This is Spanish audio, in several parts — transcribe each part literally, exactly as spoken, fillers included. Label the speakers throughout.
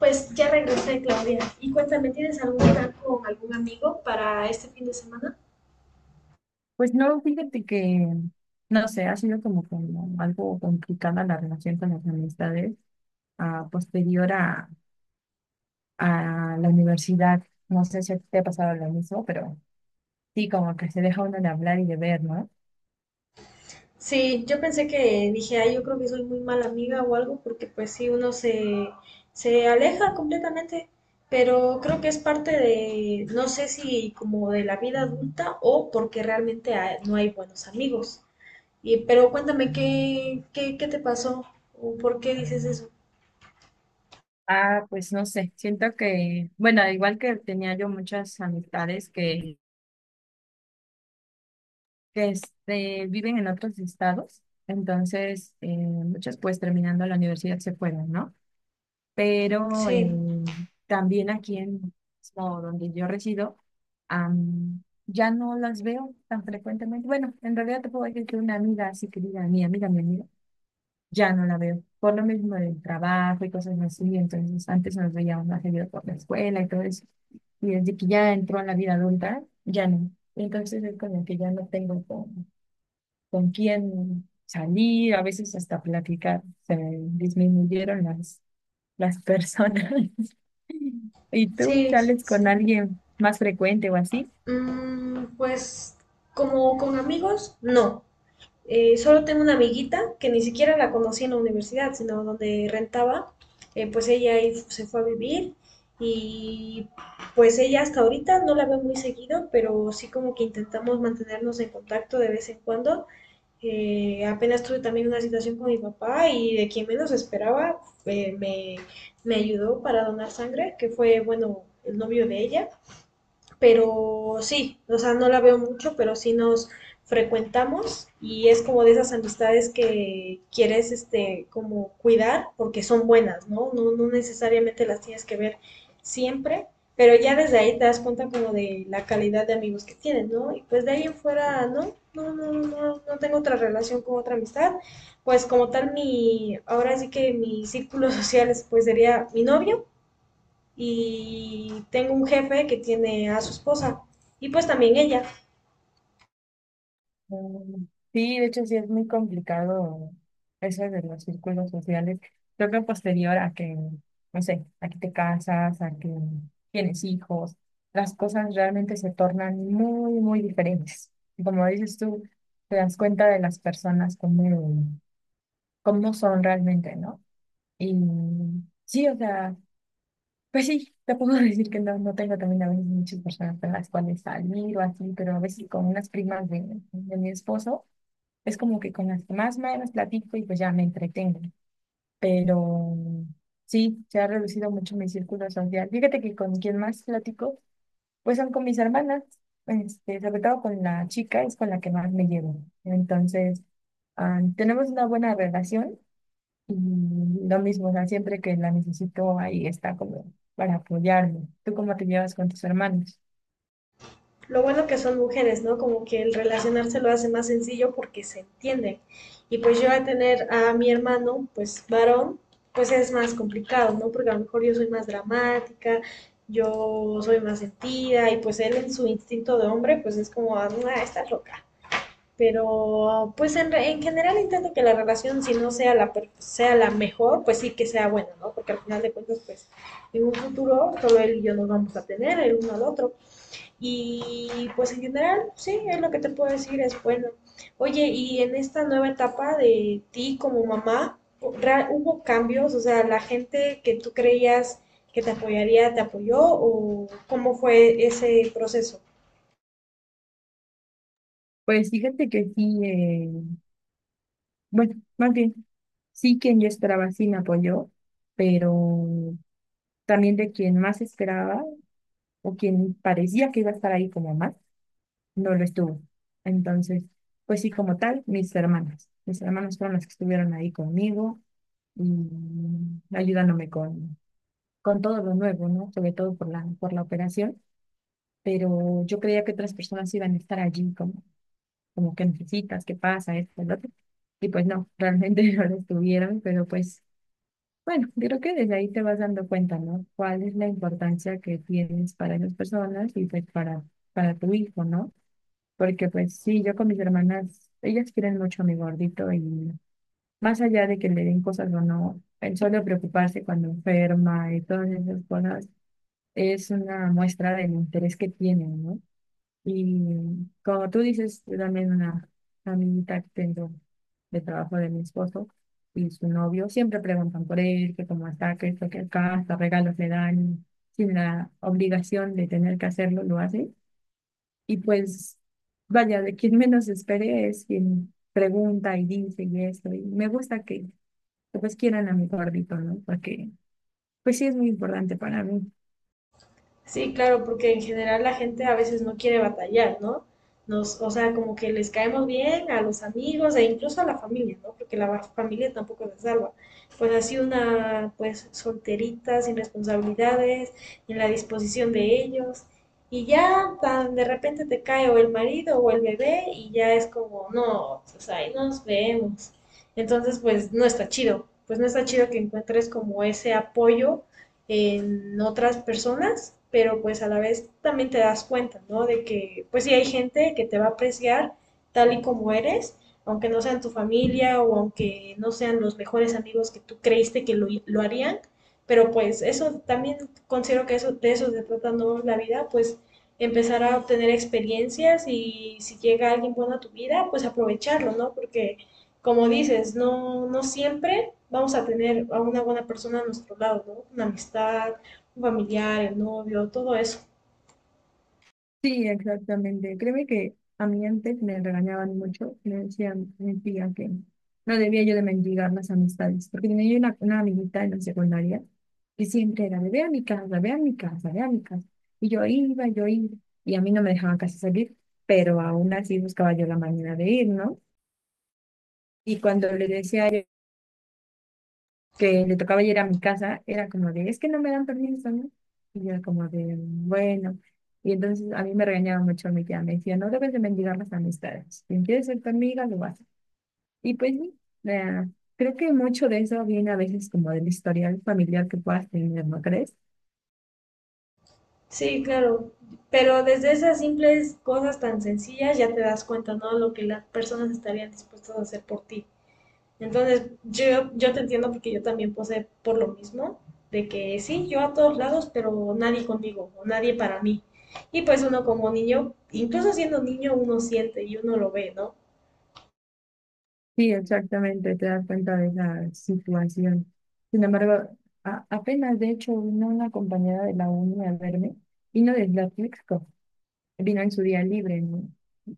Speaker 1: Pues ya regresé, Claudia. Y cuéntame, ¿tienes algún plan con algún amigo para este fin de semana?
Speaker 2: Pues no, fíjate que, no sé, ha sido como, como algo complicada la relación con las amistades ah, posterior a, a la universidad. No sé si a ti te ha pasado lo mismo, pero sí, como que se deja uno de hablar y de ver, ¿no?
Speaker 1: Sí, yo pensé que dije, ay, yo creo que soy muy mala amiga o algo, porque pues sí, uno se, se aleja completamente, pero creo que es parte de, no sé si como de la vida adulta o porque realmente ha- no hay buenos amigos. Y, pero cuéntame, ¿qué, qué, qué te pasó? ¿O por qué dices eso?
Speaker 2: Ah, pues no sé, siento que, bueno, igual que tenía yo muchas amistades que, que este, viven en otros estados, entonces eh, muchas pues terminando la universidad se fueron, ¿no? Pero
Speaker 1: Sí,
Speaker 2: en- también aquí en como donde yo resido, am, ya no las veo tan frecuentemente. Bueno, en realidad te puedo decir que una amiga así querida, mi amiga, mi amiga, ya no la veo, por lo mismo del trabajo y cosas así. Entonces antes nos veíamos más seguido por la escuela y todo eso, y desde que ya entró a la vida adulta, ya no. Entonces es como que ya no tengo con, con quién salir, a veces hasta platicar, se disminuyeron las las personas. ¿Y tú
Speaker 1: sí,
Speaker 2: sales con
Speaker 1: sí.
Speaker 2: alguien más frecuente o así?
Speaker 1: Mm, pues como con amigos, no. Eh, solo tengo una amiguita que ni siquiera la conocí en la universidad, sino donde rentaba. Eh, pues ella ahí se fue a vivir y pues ella hasta ahorita no la veo muy seguido, pero sí como que intentamos mantenernos en contacto de vez en cuando. Eh, apenas tuve también una situación con mi papá y de quien menos esperaba eh, me, me ayudó para donar sangre, que fue, bueno, el novio de ella, pero sí, o sea, no la veo mucho, pero sí nos frecuentamos y es como de esas amistades que quieres este como cuidar porque son buenas, ¿no? No, no necesariamente las tienes que ver siempre, pero ya desde ahí te das cuenta como de la calidad de amigos que tienes, ¿no? Y pues de ahí en fuera, no, no, no, no, no no tengo otra relación con otra amistad, pues como tal mi, ahora sí que mi círculo social es, pues sería mi novio, y tengo un jefe que tiene a su esposa y pues también ella.
Speaker 2: Mm. Sí, de hecho sí es muy complicado eso de los círculos sociales. Creo que posterior a que, no sé, a que te casas, a que tienes hijos, las cosas realmente se tornan muy, muy diferentes. Y como dices tú, te das cuenta de las personas cómo cómo son realmente, ¿no? Y sí, o sea, pues sí, te puedo decir que no, no tengo también a veces muchas personas con las cuales salir o así, pero a veces con unas primas de, de mi esposo es como que con las que más o menos platico y pues ya me entretengo. Pero sí, se ha reducido mucho mi círculo social. Fíjate que con quien más platico, pues son con mis hermanas, este, sobre todo con la chica, es con la que más me llevo. Entonces, ah, tenemos una buena relación y lo mismo, o sea, siempre que la necesito, ahí está como para apoyarme. ¿Tú cómo te llevas con tus hermanos?
Speaker 1: Lo bueno que son mujeres, ¿no? Como que el relacionarse lo hace más sencillo porque se entienden. Y pues yo a tener a mi hermano, pues varón, pues es más complicado, ¿no? Porque a lo mejor yo soy más dramática, yo soy más sentida y pues él en su instinto de hombre, pues es como, ah, está loca. Pero pues en, re- en general intento que la relación, si no sea la, per- sea la mejor, pues sí que sea buena, ¿no? Porque al final de cuentas, pues en un futuro solo él y yo nos vamos a tener, el uno al otro. Y pues en general, sí, es lo que te puedo decir, es bueno. Oye, y en esta nueva etapa de ti como mamá, ¿ra- ¿hubo cambios? O sea, la gente que tú creías que te apoyaría, ¿te apoyó? ¿O cómo fue ese proceso?
Speaker 2: Pues fíjate que sí, eh, bueno, más bien, sí quien yo esperaba sí me apoyó, pero también de quien más esperaba o quien parecía que iba a estar ahí como más, no lo estuvo. Entonces, pues sí, como tal, mis hermanas. Mis hermanas fueron las que estuvieron ahí conmigo y ayudándome con, con todo lo nuevo, ¿no? Sobre todo por la, por la operación. Pero yo creía que otras personas iban a estar allí como, como que necesitas, qué pasa, esto, el otro. Y pues no, realmente no lo estuvieron, pero pues bueno, yo creo que desde ahí te vas dando cuenta, ¿no? ¿Cuál es la importancia que tienes para esas personas y pues para, para tu hijo, ¿no? Porque pues sí, yo con mis hermanas, ellas quieren mucho a mi gordito, y más allá de que le den cosas o no, el solo preocuparse cuando enferma y todas esas cosas es una muestra del interés que tienen, ¿no? Y como tú dices, yo también una amiguita que tengo de trabajo de mi esposo y su novio siempre preguntan por él, que cómo está, que esto, que acá, hasta regalos le dan, sin la obligación de tener que hacerlo, lo hace. Y pues, vaya, de quien menos espere es quien pregunta y dice y esto. Y me gusta que, que, pues quieran a mi gordito, ¿no? Porque pues sí es muy importante para mí.
Speaker 1: Sí, claro, porque en general la gente a veces no quiere batallar, ¿no? Nos, o sea, como que les caemos bien a los amigos e incluso a la familia, ¿no? Porque la va- familia tampoco se salva. Pues así una, pues solterita, sin responsabilidades, en la disposición de ellos. Y ya tan de repente te cae o el marido o el bebé y ya es como, no, pues ahí nos vemos. Entonces, pues no está chido. Pues no está chido que encuentres como ese apoyo en otras personas, pero pues a la vez también te das cuenta, ¿no? De que pues sí hay gente que te va a apreciar tal y como eres, aunque no sean tu familia o aunque no sean los mejores amigos que tú creíste que lo, lo harían, pero pues eso también considero que eso, de eso se trata, ¿no? La vida, pues empezar a obtener experiencias y si llega alguien bueno a tu vida, pues aprovecharlo, ¿no? Porque como dices, no, no siempre vamos a tener a una buena persona a nuestro lado, ¿no? Una amistad, un familiar, el novio, todo eso.
Speaker 2: Sí, exactamente. Créeme que a mí antes me regañaban mucho, me decían, me decían que no debía yo de mendigar las amistades, porque tenía yo una, una amiguita en la secundaria que siempre era de ve a mi casa, ve a mi casa, ve a mi casa. Y yo iba, yo iba, y a mí no me dejaban casi salir, pero aún así buscaba yo la manera de ir, ¿no? Y cuando le decía que le tocaba ir a mi casa, era como de, es que no me dan permiso, ¿no? Y yo era como de, bueno. Y entonces a mí me regañaba mucho mi tía, me decía, no debes de mendigar las amistades. Si quieres ser tu amiga, lo vas. Y pues sí, eh, creo que mucho de eso viene a veces como del historial familiar que puedas tener, ¿no crees?
Speaker 1: Sí, claro. Pero desde esas simples cosas tan sencillas ya te das cuenta, ¿no? Lo que las personas estarían dispuestas a hacer por ti. Entonces, yo, yo te entiendo porque yo también posé por lo mismo, de que sí, yo a todos lados, pero nadie conmigo, o nadie para mí. Y pues uno como niño, incluso siendo niño, uno siente y uno lo ve, ¿no?
Speaker 2: Sí, exactamente, te das cuenta de esa situación. Sin embargo, a- apenas de hecho vino una compañera de la uni a verme, vino de Tlaxcala, vino en su día libre, ¿no?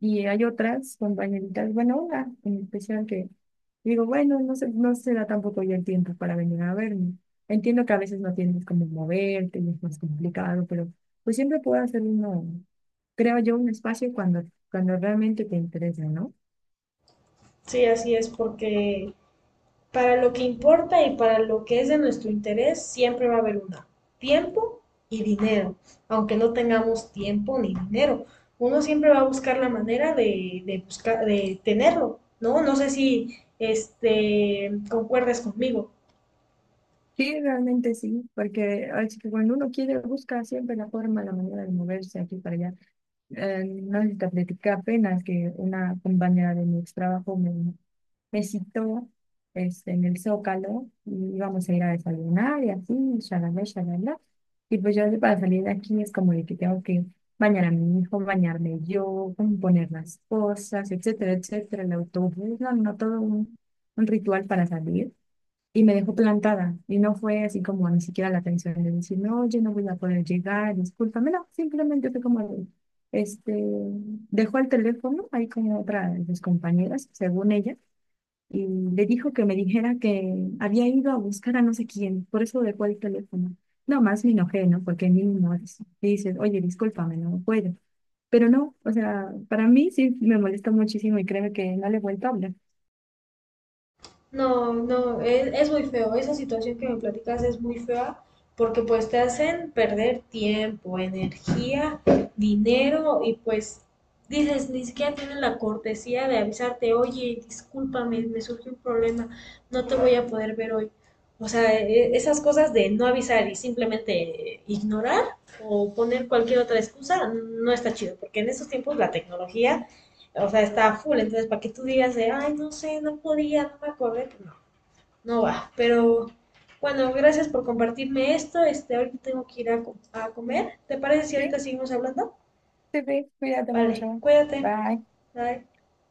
Speaker 2: Y hay otras compañeritas, bueno, una en especial que digo, bueno, no se, no se da tampoco ya el tiempo para venir a verme. Entiendo que a veces no tienes como moverte y es más complicado, pero pues siempre puedo hacer uno, creo yo, un espacio cuando, cuando realmente te interesa, ¿no?
Speaker 1: Sí, así es, porque para lo que importa y para lo que es de nuestro interés, siempre va a haber una. Tiempo y dinero. Aunque no tengamos tiempo ni dinero, uno siempre va a buscar la manera de, de buscar, de tenerlo, ¿no? No sé si este, concuerdas conmigo.
Speaker 2: Sí, realmente sí, porque así que cuando uno quiere, busca siempre la forma, la manera de moverse aquí para allá. Eh, no sé si apenas que una compañera de mi ex trabajo me, me citó este, en el Zócalo y íbamos a ir a desayunar y así, shalala, shalala. Y pues yo para salir de aquí es como de que tengo que bañar a mi hijo, bañarme yo, poner las cosas, etcétera, etcétera, el autobús, no, no, todo un, un ritual para salir. Y me dejó plantada y no fue así como ni siquiera la atención de decir, no, oye, no voy a poder llegar, discúlpame, no, simplemente fue como de, este, dejó el teléfono ahí con otra de sus compañeras, según ella, y le dijo que me dijera que había ido a buscar a no sé quién, por eso dejó el teléfono. No más me enojé, ¿no? Porque ni no es- y dices, oye, discúlpame, no puedo. Pero no, o sea, para mí sí me molesta muchísimo y créeme que no le he vuelto a hablar.
Speaker 1: No, no, es, es muy feo. Esa situación que me platicas es muy fea porque pues te hacen perder tiempo, energía, dinero y pues dices, ni siquiera tienen la cortesía de avisarte, oye, discúlpame, me surgió un problema, no te voy a poder ver hoy. O sea, e- esas cosas de no avisar y simplemente ignorar o poner cualquier otra excusa no está chido porque en estos tiempos la tecnología o sea, está full. Entonces, para que tú digas de, ay, no sé, no podía, no me acordé, no, no va. Pero bueno, gracias por compartirme esto. Este, ahorita tengo que ir a, co- a comer. ¿Te parece si
Speaker 2: Sí,
Speaker 1: ahorita seguimos hablando?
Speaker 2: sí, sí, cuídate
Speaker 1: Vale,
Speaker 2: mucho.
Speaker 1: cuídate.
Speaker 2: Bye.
Speaker 1: Bye.